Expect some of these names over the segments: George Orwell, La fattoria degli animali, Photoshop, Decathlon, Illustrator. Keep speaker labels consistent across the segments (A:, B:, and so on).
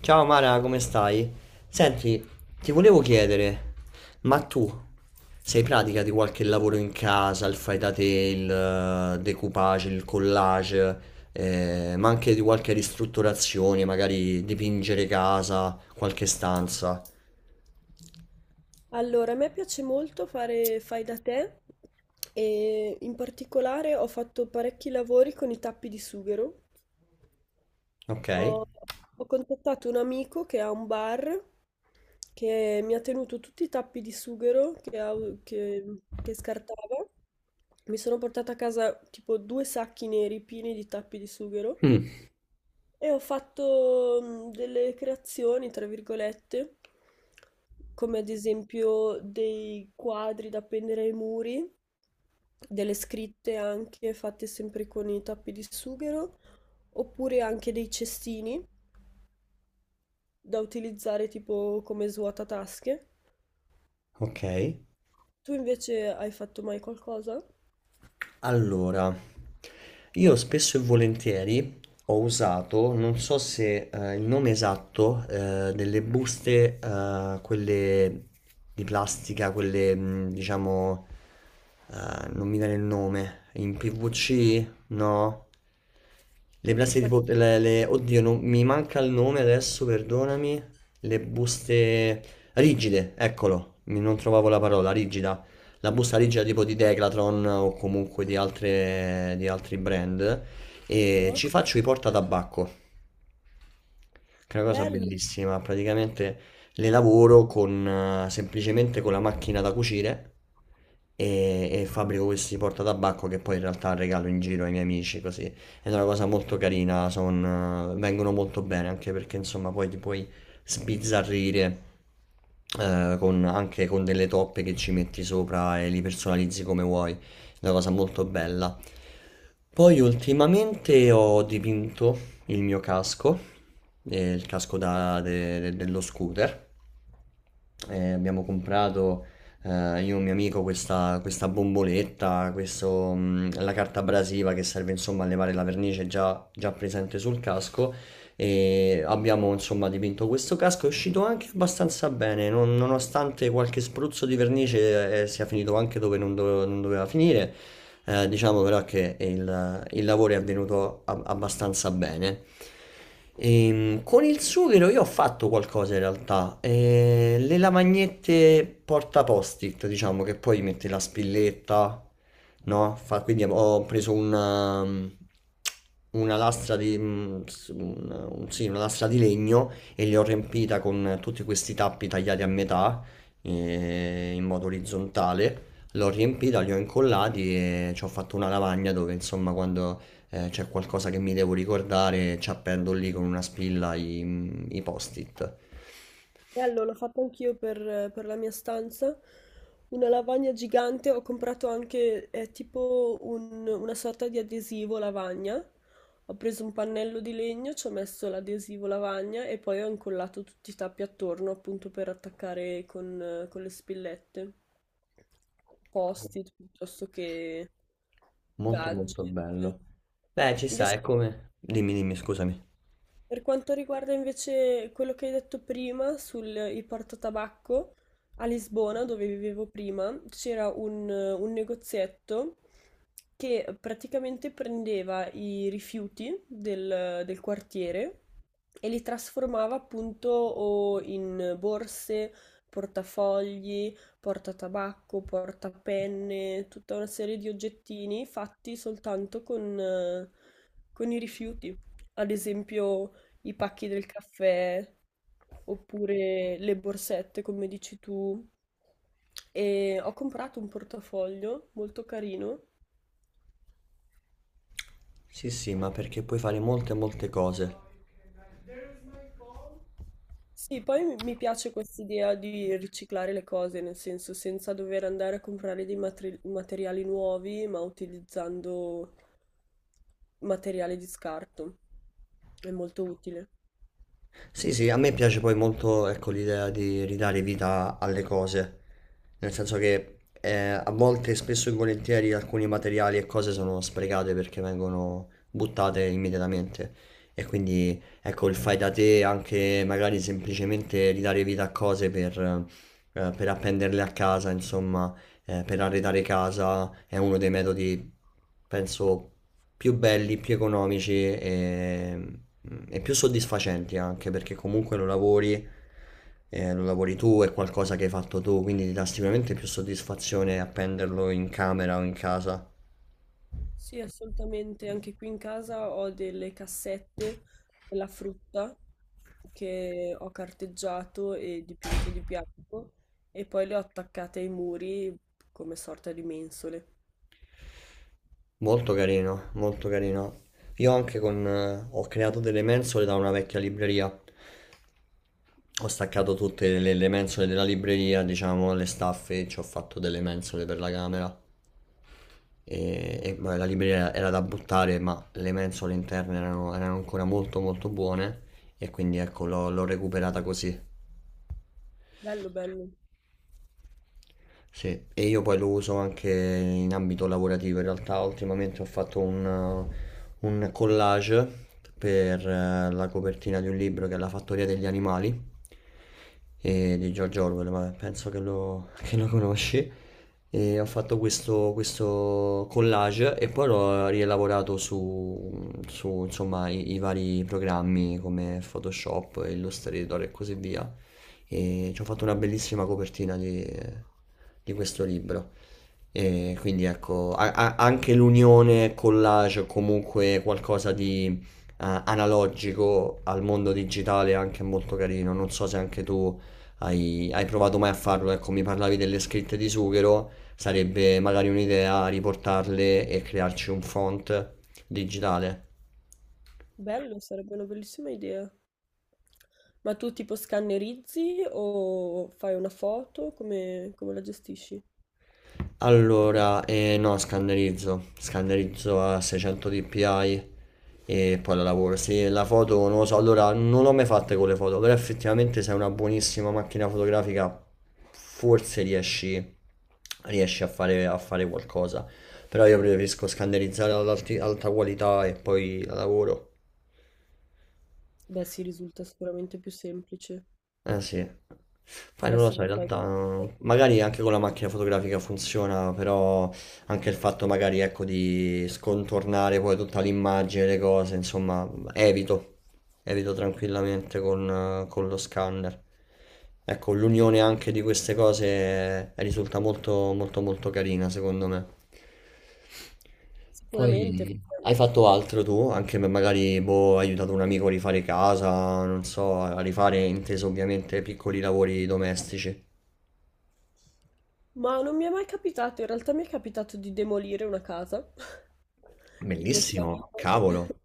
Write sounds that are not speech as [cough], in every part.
A: Ciao Mara, come stai? Senti, ti volevo chiedere, ma tu sei pratica di qualche lavoro in casa, il fai da te, il decoupage, il collage, ma anche di qualche ristrutturazione, magari dipingere casa, qualche stanza,
B: Allora, a me piace molto fare fai da te e in particolare ho fatto parecchi lavori con i tappi di sughero.
A: ok?
B: Ho, ho contattato un amico che ha un bar che mi ha tenuto tutti i tappi di sughero che scartava. Mi sono portata a casa tipo due sacchi neri pieni di tappi di sughero
A: Mm.
B: e ho fatto delle creazioni, tra virgolette, come ad esempio dei quadri da appendere ai muri, delle scritte anche fatte sempre con i tappi di sughero, oppure anche dei cestini da utilizzare tipo come svuotatasche.
A: Ok.
B: Tu invece hai fatto mai qualcosa?
A: Allora, io spesso e volentieri ho usato, non so se il nome esatto, delle buste, quelle di plastica, quelle diciamo, non mi viene il nome, in PVC? No? Le plastiche
B: Ma ti-
A: tipo, oddio, non, mi manca il nome adesso, perdonami, le buste rigide, eccolo, non trovavo la parola, rigida la busta grigia tipo di Decathlon o comunque di altre, di altri brand e ci faccio i portatabacco che è una cosa
B: Bello!
A: bellissima. Praticamente le lavoro con, semplicemente con la macchina da cucire e fabbrico questi portatabacco che poi in realtà regalo in giro ai miei amici così. Ed è una cosa molto carina, vengono molto bene anche perché insomma poi ti puoi sbizzarrire. Anche con delle toppe che ci metti sopra e li personalizzi come vuoi, è una cosa molto bella. Poi ultimamente ho dipinto il mio casco e il casco dello scooter. E abbiamo comprato io e un mio amico questa bomboletta, la carta abrasiva che serve insomma a levare la vernice già presente sul casco e abbiamo insomma dipinto questo casco, è uscito anche abbastanza bene, nonostante qualche spruzzo di vernice sia finito anche dove non doveva finire. Diciamo però che il lavoro è avvenuto abbastanza bene. Con il sughero io ho fatto qualcosa in realtà. Le lavagnette porta post-it, diciamo che poi metti la spilletta, no? Quindi ho preso una lastra di, sì, una lastra di legno e li ho riempita con tutti questi tappi tagliati a metà in modo orizzontale. L'ho riempita, li ho incollati e ci ho fatto una lavagna dove insomma quando c'è qualcosa che mi devo ricordare ci appendo lì con una spilla i post-it.
B: Bello, l'ho fatto anch'io per la mia stanza. Una lavagna gigante, ho comprato anche tipo una sorta di adesivo lavagna. Ho preso un pannello di legno, ci ho messo l'adesivo lavagna e poi ho incollato tutti i tappi attorno appunto per attaccare con le spillette. Post-it piuttosto che
A: Molto molto
B: gadget.
A: bello. Beh, ci sta,
B: Invece
A: è come... Dimmi, dimmi, scusami.
B: Per quanto riguarda invece quello che hai detto prima sul il portatabacco, a Lisbona, dove vivevo prima, c'era un negozietto che praticamente prendeva i rifiuti del quartiere e li trasformava appunto o in borse, portafogli, portatabacco, portapenne, tutta una serie di oggettini fatti soltanto con i rifiuti, ad esempio i pacchi del caffè oppure le borsette, come dici tu. E ho comprato un portafoglio molto carino.
A: Sì, sì, ma perché puoi fare molte molte cose.
B: Sì, poi mi piace quest'idea di riciclare le cose, nel senso senza dover andare a comprare dei materiali nuovi, ma utilizzando materiale di scarto. È molto utile.
A: Sì, sì, a me piace poi molto, ecco, l'idea di ridare vita alle cose, nel senso che a volte, spesso e volentieri, alcuni materiali e cose sono sprecate perché vengono buttate immediatamente e quindi, ecco, il fai da te, anche magari semplicemente ridare vita a cose per appenderle a casa, insomma, per arredare casa, è uno dei metodi, penso, più belli, più economici e più soddisfacenti anche perché comunque lo lavori tu, è qualcosa che hai fatto tu, quindi ti dà sicuramente più soddisfazione appenderlo in camera o in casa.
B: Sì, assolutamente. Anche qui in casa ho delle cassette della frutta che ho carteggiato e dipinto di bianco e poi le ho attaccate ai muri come sorta di mensole.
A: Molto carino, molto carino. Io anche con, ho creato delle mensole da una vecchia libreria. Ho staccato tutte le mensole della libreria, diciamo, le staffe, ci ho fatto delle mensole per la camera. Vabbè, la libreria era da buttare, ma le mensole interne erano ancora molto molto buone e quindi ecco l'ho recuperata così.
B: Bello, bello.
A: Sì, e io poi lo uso anche in ambito lavorativo. In realtà ultimamente ho fatto un collage per la copertina di un libro che è La fattoria degli animali e di George Orwell, ma penso [laughs] che lo conosci. E ho fatto questo collage e poi l'ho rielaborato insomma, i vari programmi come Photoshop, Illustrator e così via e ci ho fatto una bellissima copertina di questo libro. E quindi ecco, anche l'unione collage o comunque qualcosa di analogico al mondo digitale è anche molto carino. Non so se anche tu hai provato mai a farlo. Ecco, mi parlavi delle scritte di Sughero, sarebbe magari un'idea riportarle e crearci un font digitale.
B: Bello, sarebbe una bellissima idea. Ma tu tipo scannerizzi o fai una foto? Come, come la gestisci?
A: Allora, no, scannerizzo a 600 dpi e poi la lavoro. Sì, la foto non lo so, allora non l'ho mai fatta con le foto, però effettivamente se hai una buonissima macchina fotografica forse riesci a a fare qualcosa, però io preferisco scannerizzare ad alta qualità e poi la lavoro.
B: Beh, sì, risulta sicuramente più semplice.
A: Eh sì, poi
B: Perché
A: non lo
B: se
A: so, in
B: non fai...
A: realtà magari anche con la macchina fotografica funziona, però anche il fatto magari ecco di scontornare poi tutta l'immagine, le cose, insomma, evito tranquillamente con lo scanner. Ecco, l'unione anche di queste cose risulta molto molto molto carina secondo me.
B: Sicuramente.
A: Poi hai fatto altro tu? Anche per magari, boh, hai aiutato un amico a rifare casa, non so, a rifare, inteso ovviamente, piccoli lavori domestici.
B: Ma non mi è mai capitato, in realtà mi è capitato di demolire una casa [laughs] di questo
A: Bellissimo,
B: amico. [laughs]
A: cavolo,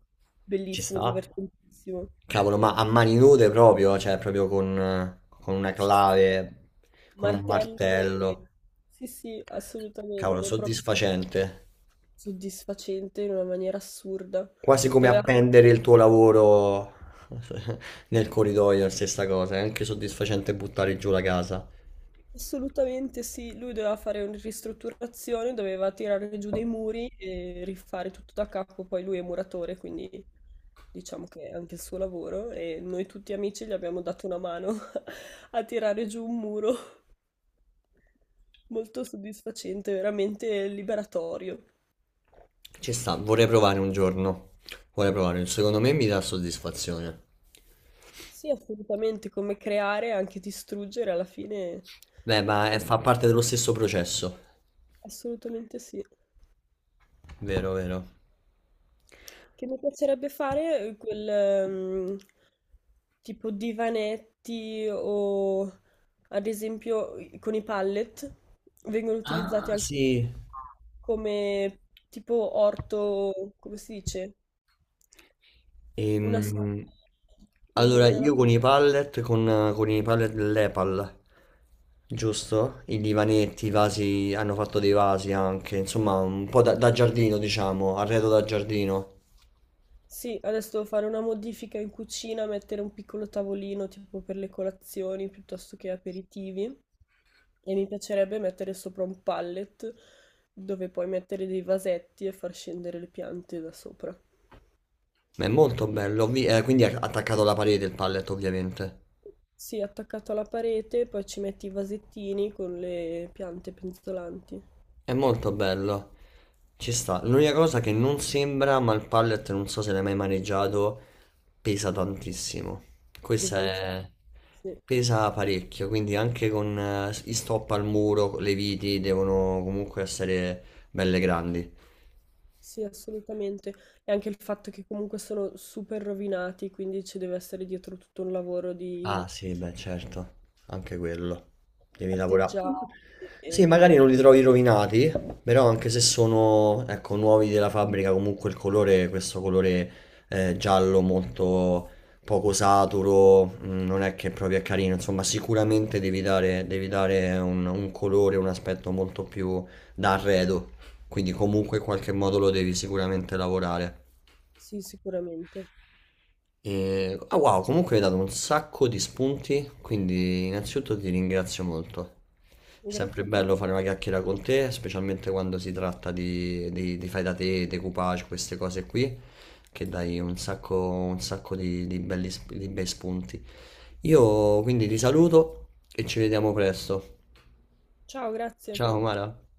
A: ci
B: Bellissimo,
A: sta.
B: divertentissimo.
A: Cavolo, ma a mani nude proprio, cioè proprio con una
B: Sì, sì,
A: clave, con un
B: martello e...
A: martello.
B: Sì, sì,
A: Cavolo,
B: assolutamente, è proprio
A: soddisfacente.
B: soddisfacente in una maniera assurda.
A: Quasi come
B: Doveva
A: appendere il tuo lavoro [laughs] nel corridoio, la stessa cosa. È anche soddisfacente buttare giù la casa.
B: Assolutamente sì, lui doveva fare una ristrutturazione, doveva tirare giù dei muri e rifare tutto da capo, poi lui è muratore, quindi diciamo che è anche il suo lavoro e noi tutti amici gli abbiamo dato una mano [laughs] a tirare giù un muro. Molto soddisfacente, veramente liberatorio.
A: Ci sta, vorrei provare un giorno. Vorrei provare, secondo me mi dà soddisfazione.
B: Sì, assolutamente, come creare e anche distruggere alla fine.
A: Beh, ma
B: ass-
A: fa parte dello stesso processo.
B: Assolutamente sì.
A: Vero, vero.
B: Che mi piacerebbe fare quel tipo divanetti o ad esempio con i pallet vengono
A: Ah,
B: utilizzati anche
A: sì.
B: come tipo orto, come si dice? Una sala.
A: Ehm,
B: Non mi
A: allora,
B: viene la...
A: io con i pallet, con i pallet dell'Epal, giusto? I divanetti, i vasi, hanno fatto dei vasi anche, insomma, un po' da, da giardino, diciamo, arredo da giardino.
B: Sì, adesso devo fare una modifica in cucina, mettere un piccolo tavolino tipo per le colazioni piuttosto che aperitivi. E mi piacerebbe mettere sopra un pallet dove puoi mettere dei vasetti e far scendere le piante da sopra.
A: Ma è molto bello, quindi è attaccato alla parete il pallet, ovviamente.
B: Sì, attaccato alla parete, poi ci metti i vasettini con le piante penzolanti.
A: È molto bello. Ci sta. L'unica cosa che non sembra, ma il pallet non so se l'hai mai maneggiato, pesa tantissimo. Questa
B: Disanziate.
A: è...
B: Sì,
A: pesa parecchio, quindi anche con i stop al muro, le viti devono comunque essere belle grandi.
B: sì, assolutamente. E anche il fatto che comunque sono super rovinati, quindi ci deve essere dietro tutto un lavoro di
A: Ah sì, beh certo, anche quello. Devi lavorare.
B: artigiani.
A: Sì, magari non li trovi rovinati, però anche se sono, ecco, nuovi della fabbrica, comunque il colore, questo colore giallo molto poco saturo, non è che proprio è carino, insomma sicuramente devi dare un colore, un aspetto molto più da arredo, quindi comunque in qualche modo lo devi sicuramente lavorare.
B: Sì, sicuramente.
A: E... Ah wow, comunque hai dato un sacco di spunti, quindi innanzitutto ti ringrazio molto. È sempre
B: Grazie a te.
A: bello fare una chiacchiera con te, specialmente quando si tratta di fai da te, decoupage, queste cose qui, che dai un sacco di di bei spunti. Io quindi ti saluto e ci vediamo presto.
B: Ciao, grazie.
A: Ciao Mara.